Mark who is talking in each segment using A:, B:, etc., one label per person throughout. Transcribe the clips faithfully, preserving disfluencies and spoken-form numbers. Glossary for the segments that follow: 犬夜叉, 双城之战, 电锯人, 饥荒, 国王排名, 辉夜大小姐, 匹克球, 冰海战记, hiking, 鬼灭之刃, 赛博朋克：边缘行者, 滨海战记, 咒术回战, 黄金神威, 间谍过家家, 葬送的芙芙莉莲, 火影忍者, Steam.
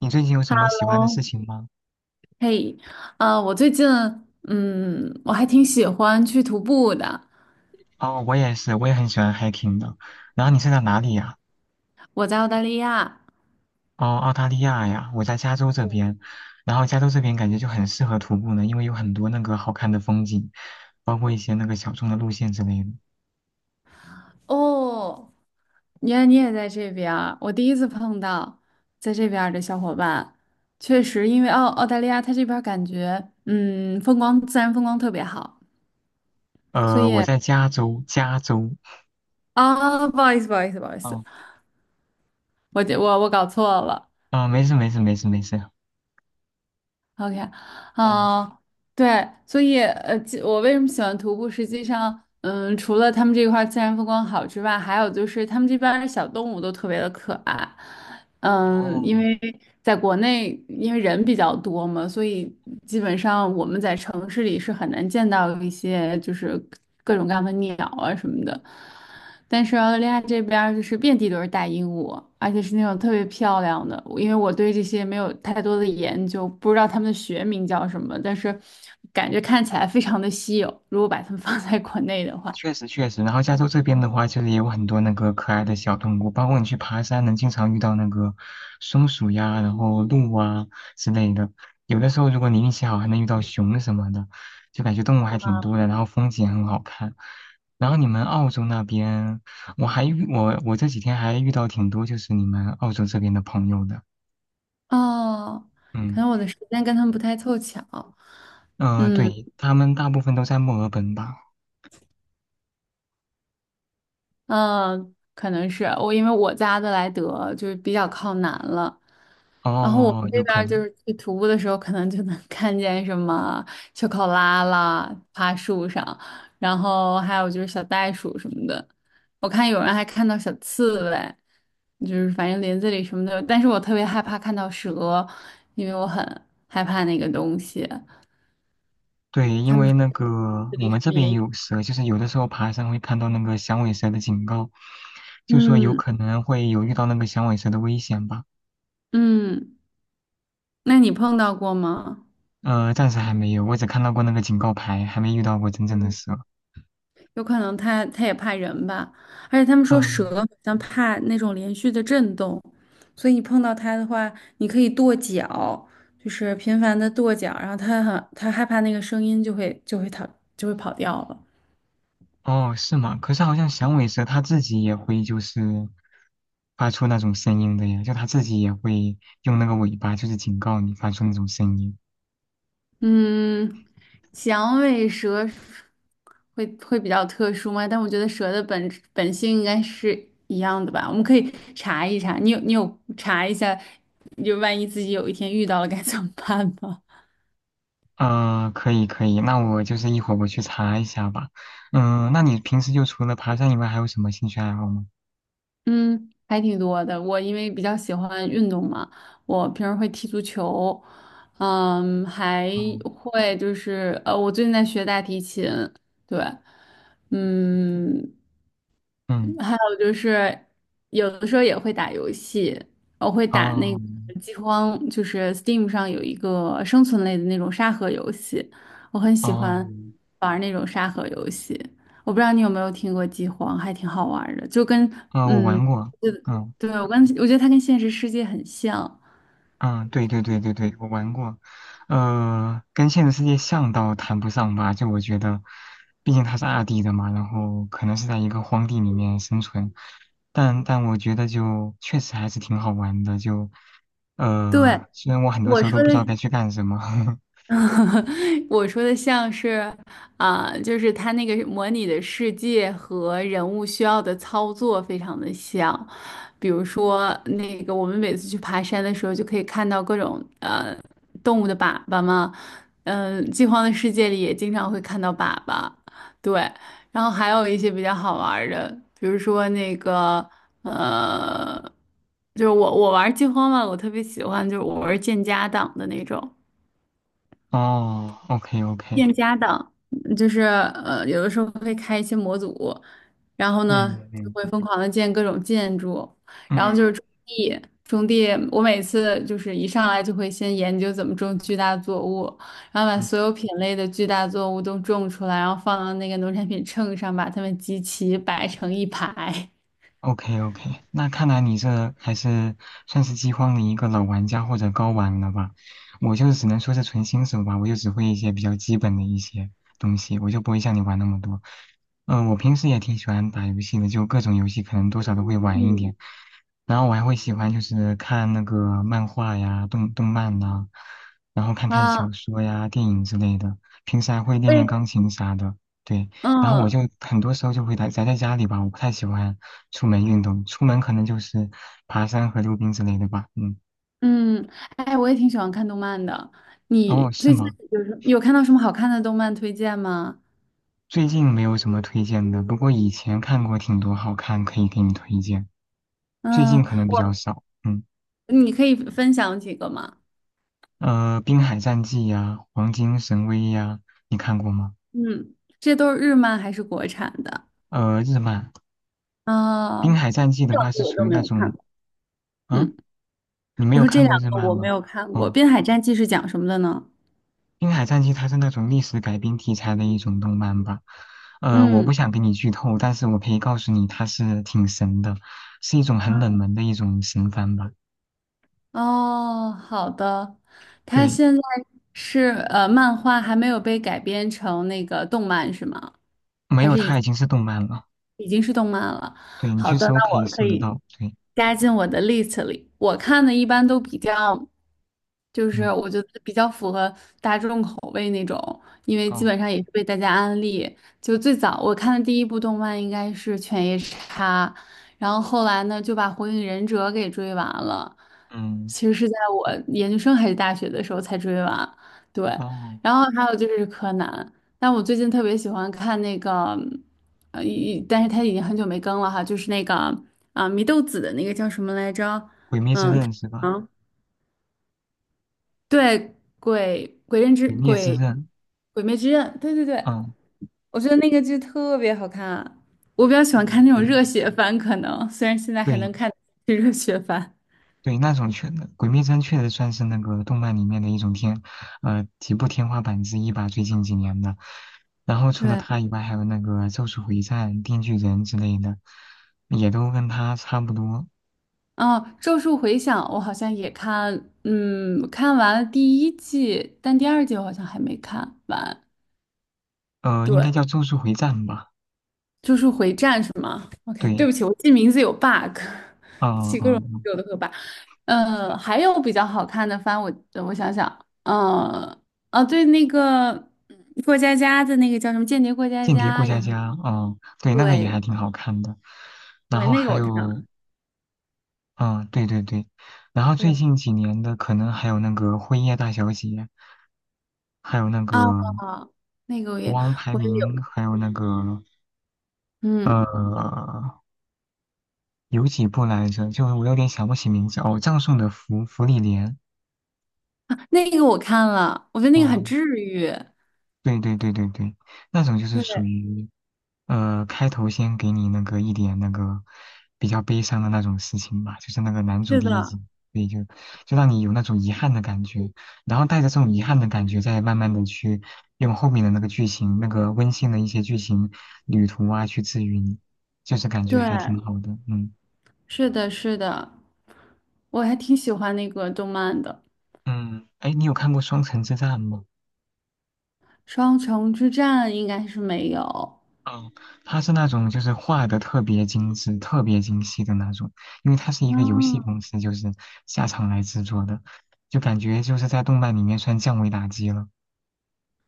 A: 你最近有什么喜欢的
B: 哦，
A: 事情吗？
B: 嘿，呃，我最近，嗯，我还挺喜欢去徒步的。
A: 哦，我也是，我也很喜欢 hiking 的。然后你是在哪里呀？
B: 我在澳大利亚，
A: 哦，澳大利亚呀，我在加州这边。然后加州这边感觉就很适合徒步呢，因为有很多那个好看的风景，包括一些那个小众的路线之类的。
B: 哦，原来你也在这边儿，我第一次碰到在这边儿的小伙伴。确实，因为澳澳大利亚它这边儿感觉，嗯，风光自然风光特别好，所
A: 呃，
B: 以
A: 我在加州，加州。
B: 啊，不好意思，不好意思，不好意思，
A: 嗯
B: 我这我我搞错了，
A: 嗯，没事没事没事没事。
B: OK，
A: 哦
B: 嗯，对，所以呃，其我为什么喜欢徒步？实际上，嗯，除了他们这块儿自然风光好之外，还有就是他们这边儿的小动物都特别的可爱，嗯，因
A: 哦，
B: 为在国内，因为人比较多嘛，所以基本上我们在城市里是很难见到一些就是各种各样的鸟啊什么的。但是澳大利亚这边儿就是遍地都是大鹦鹉，而且是那种特别漂亮的。因为我对这些没有太多的研究，不知道它们的学名叫什么，但是感觉看起来非常的稀有。如果把它们 放在国内的话，
A: 确实确实，然后加州这边的话，就是也有很多那个可爱的小动物，包括你去爬山，能经常遇到那个松鼠呀，然后鹿啊之类的。有的时候如果你运气好，还能遇到熊什么的，就感觉动物还挺多的，然后风景很好看。然后你们澳洲那边，我还遇我我这几天还遇到挺多就是你们澳洲这边的朋友的，
B: 哦，可能我
A: 嗯
B: 的时间跟他们不太凑巧。
A: 嗯、呃
B: 嗯。
A: 对，他们大部分都在墨尔本吧？
B: 嗯，可能是我，因为我在阿德莱德就是比较靠南了，然后我
A: 哦，
B: 们这
A: 有
B: 边
A: 可
B: 儿就
A: 能。
B: 是去徒步的时候，可能就能 看见什么秋考拉啦，爬树上，然后还有就是小袋鼠什么的，我看有人还看到小刺猬，就是反正林子里什么的，但是我特别害怕看到蛇，因为我很害怕那个东西。
A: 对，因为那个
B: 这
A: 我
B: 里什
A: 们这
B: 么
A: 边
B: 也
A: 也
B: 有，
A: 有蛇，就是有的时候爬山会看到那个响尾蛇的警告，就说有
B: 嗯
A: 可能会有遇到那个响尾蛇的危险吧。
B: 嗯，那你碰到过吗？
A: 呃，暂时还没有，我只看到过那个警告牌，还没遇到过真正的蛇。
B: 有可能它它也怕人吧，而且他们说
A: 嗯，
B: 蛇好像怕那种连续的震动，所以你碰到它的话，你可以跺脚，就是频繁的跺脚，然后它很它害怕那个声音就会就会逃就会跑掉了。
A: 哦，是吗？可是好像响尾蛇它自己也会就是发出那种声音的呀，就它自己也会用那个尾巴就是警告你发出那种声音。
B: 嗯，响尾蛇会会比较特殊吗？但我觉得蛇的本本性应该是一样的吧。我们可以查一查，你有你有查一下，就万一自己有一天遇到了该怎么办吗？
A: 嗯，可以可以，那我就是一会儿我去查一下吧。嗯，那你平时就除了爬山以外，还有什么兴趣爱好吗？
B: 嗯，还挺多的。我因为比较喜欢运动嘛，我平时会踢足球，嗯，还
A: 嗯
B: 会就是呃，我最近在学大提琴，对，嗯，
A: 嗯，
B: 还有就是有的时候也会打游戏，我会打那
A: 哦
B: 个饥荒，就是 Steam 上有一个生存类的那种沙盒游戏，我很喜
A: 哦
B: 欢玩那种沙盒游戏。我不知道你有没有听过饥荒，还挺好玩儿的，就跟。
A: 啊，我
B: 嗯。
A: 玩过，嗯
B: 对，我跟我觉得它跟现实世界很像。
A: 嗯，对对对对对，我玩过，呃，跟现实世界像倒谈不上吧，就我觉得，毕竟它是二 D 的嘛，然后可能是在一个荒地里面生存，但但我觉得就确实还是挺好玩的，就呃，
B: 对，
A: 虽然我很多
B: 我
A: 时候
B: 说
A: 都不知道
B: 的
A: 该去干什么。
B: 我说的像是，啊、就是它那个模拟的世界和人物需要的操作非常的像。比如说，那个我们每次去爬山的时候，就可以看到各种呃动物的粑粑嘛。嗯、饥荒的世界里也经常会看到粑粑。对，然后还有一些比较好玩儿的，比如说那个呃，就是我我玩儿饥荒嘛，我特别喜欢，就是我玩儿建家党的那种。
A: 哦，OK OK，
B: 店家的，嗯就是呃，有的时候会开一些模组，然后呢
A: 嗯
B: 就
A: 嗯
B: 会疯狂的建各种建筑，然后就
A: 嗯，
B: 是
A: 嗯，
B: 种地，种地，我每次就是一上来就会先研究怎么种巨大作物，然后把所有品类的巨大作物都种出来，然后放到那个农产品秤上，把它们集齐摆成一排。
A: OK OK，那看来你这还是算是饥荒的一个老玩家或者高玩了吧？我就只能说是纯新手吧，我就只会一些比较基本的一些东西，我就不会像你玩那么多。嗯、我平时也挺喜欢打游戏的，就各种游戏可能多少都会玩一
B: 嗯
A: 点。然后我还会喜欢就是看那个漫画呀、动动漫呐、然后看看
B: 啊，
A: 小说呀、电影之类的。平时还会练练
B: 为
A: 钢琴啥的，对。然后我
B: 嗯
A: 就很多时候就会宅宅在家里吧，我不太喜欢。出门运动，出门可能就是爬山和溜冰之类的吧。嗯，
B: 嗯，哎，我也挺喜欢看动漫的。
A: 哦，
B: 你
A: 是
B: 最近
A: 吗？
B: 有什有看到什么好看的动漫推荐吗？
A: 最近没有什么推荐的，不过以前看过挺多好看，可以给你推荐。最近
B: 嗯，
A: 可能比较
B: 我
A: 少，嗯，
B: 你可以分享几个吗？
A: 呃，《滨海战记》呀，《黄金神威》呀，你看过吗？
B: 嗯，这都是日漫还是国产的？
A: 呃，日漫，
B: 啊、
A: 《滨海战记》的
B: 这两
A: 话是
B: 个我
A: 属
B: 都
A: 于
B: 没
A: 那
B: 有看
A: 种
B: 过。
A: 啊，
B: 嗯，
A: 你没
B: 我
A: 有
B: 说这
A: 看
B: 两
A: 过日
B: 个
A: 漫
B: 我没
A: 吗？
B: 有看过，
A: 哦。
B: 《滨海战记》是讲什么的呢？
A: 《冰海战记》它是那种历史改编题材的一种动漫吧，呃，我不
B: 嗯，
A: 想给你剧透，但是我可以告诉你，它是挺神的，是一种很冷门的一种神番吧。
B: 哦，好的，它
A: 对，
B: 现在是呃，漫画还没有被改编成那个动漫是吗？
A: 没有它已经是动漫了。
B: 已经是动漫了。
A: 对，你
B: 好
A: 去
B: 的，
A: 搜
B: 那
A: 可以
B: 我可
A: 搜得
B: 以
A: 到。对，
B: 加进我的 list 里。我看的一般都比较，就是
A: 嗯，
B: 我觉得比较符合大众口味那种，因为基
A: 哦，
B: 本上也是被大家安利。就最早我看的第一部动漫应该是《犬夜叉》，然后后来呢就把《火影忍者》给追完了。
A: 嗯，
B: 其实是在我研究生还是大学的时候才追完，对。
A: 哦，
B: 然后还有就是柯南。但我最近特别喜欢看那个，呃，一但是它已经很久没更了哈，就是那个啊，祢豆子的那个叫什么来着？
A: 《鬼灭之刃》是吧？
B: 啊，对，鬼鬼刃之
A: 《鬼灭之
B: 鬼
A: 刃》，
B: 鬼灭之刃，对对对，
A: 嗯
B: 我觉得那个剧特别好看，我比较喜欢看
A: 嗯，
B: 那种
A: 对
B: 热血番，可能虽然现在还
A: 对，
B: 能看是热血番。
A: 对，那种确，《鬼灭之刃》确实算是那个动漫里面的一种天，呃，几部天花板之一吧。最近几年的，然后除了
B: 对，
A: 它以外，还有那个《咒术回战》《电锯人》之类的，也都跟它差不多。
B: 哦，《咒术回响》我好像也看，嗯，看完了第一季，但第二季我好像还没看完。
A: 呃，应该
B: 对，
A: 叫《咒术回战》吧？
B: 就是回战是吗？OK，对
A: 对，
B: 不起，我记名字有 bug，
A: 嗯、
B: 起各种
A: 嗯，
B: 有的和 bug。呃，还有比较好看的番，我呃我想想，呃，啊，对，那个嗯过家家的那个叫什么《间谍过家
A: 《间谍
B: 家》
A: 过
B: 也
A: 家
B: 很
A: 家》嗯、对，那个也还
B: 对，
A: 挺好看的。然
B: 对，
A: 后
B: 那个
A: 还
B: 我看
A: 有，
B: 了，
A: 嗯、对对对，然后最
B: 对
A: 近几年的可能还有那个《辉夜大小姐》，还有那
B: 啊，
A: 个。
B: 那个我也
A: 国王排
B: 我也
A: 名，
B: 有，
A: 还有那个
B: 嗯
A: 呃，有几部来着？就是我有点想不起名字哦。葬送的芙芙莉莲，
B: 啊，那个我看了，我觉得那个
A: 哇，
B: 很治愈，
A: 对对对对对，那种就是
B: 对，
A: 属于呃，开头先给你那个一点那个比较悲伤的那种事情吧，就是那个男主
B: 是
A: 第一
B: 的，
A: 集，所以就就让你有那种遗憾的感觉，然后带着这种遗憾的感觉，再慢慢的去用后面的那个剧情，那个温馨的一些剧情旅途啊，去治愈你，就是感觉
B: 对，
A: 还挺好的，嗯。
B: 是的，是的，我还挺喜欢那个动漫的。
A: 嗯，哎，你有看过《双城之战》吗？
B: 双城之战应该是没有。
A: 嗯，它是那种就是画的特别精致、特别精细的那种，因为它是一个游戏
B: 哦，
A: 公司，就是下场来制作的，就感觉就是在动漫里面算降维打击了。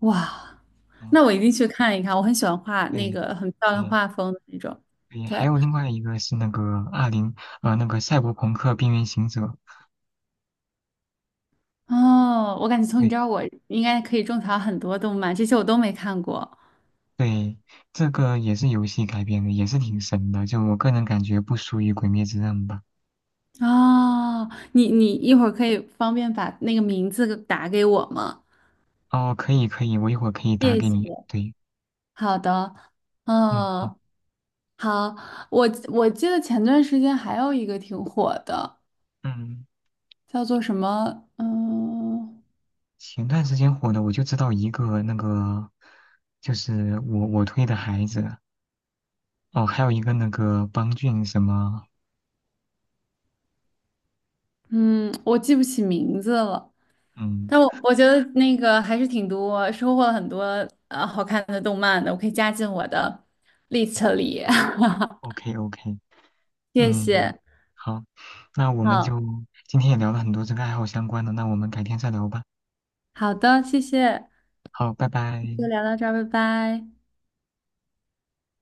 B: 哇，
A: 嗯，
B: 那我一定去看一看。我很喜欢画那
A: 对
B: 个很漂亮
A: 对
B: 画风的那种。
A: 对，
B: 对，
A: 还有另外一个是那个二零呃那个《赛博朋克：边缘行者》，
B: 哦，我感觉从你
A: 对
B: 这儿我应该可以种草很多动漫，这些我都没看过。
A: 对，这个也是游戏改编的，也是挺神的，就我个人感觉不输于《鬼灭之刃》吧。
B: 哦，你你一会儿可以方便把那个名字打给我吗？
A: 哦，可以可以，我一会儿可以打
B: 谢
A: 给你。
B: 谢。
A: 对，
B: 好的，
A: 嗯，
B: 嗯，
A: 好。
B: 好，我我记得前段时间还有一个挺火的，
A: 嗯。
B: 叫做什么？嗯。
A: 前段时间火的，我就知道一个那个，就是我我推的孩子哦，还有一个那个邦俊什么，
B: 嗯，我记不起名字了，
A: 嗯
B: 但我我觉得那个还是挺多，收获了很多呃好看的动漫的，我可以加进我的 list 里。
A: ，OK OK，
B: 谢
A: 嗯，
B: 谢，
A: 好，那我们
B: 好
A: 就今天也聊了很多这个爱好相关的，那我们改天再聊吧。
B: 好的，谢谢，
A: 好，拜拜。
B: 就聊到这儿，拜拜。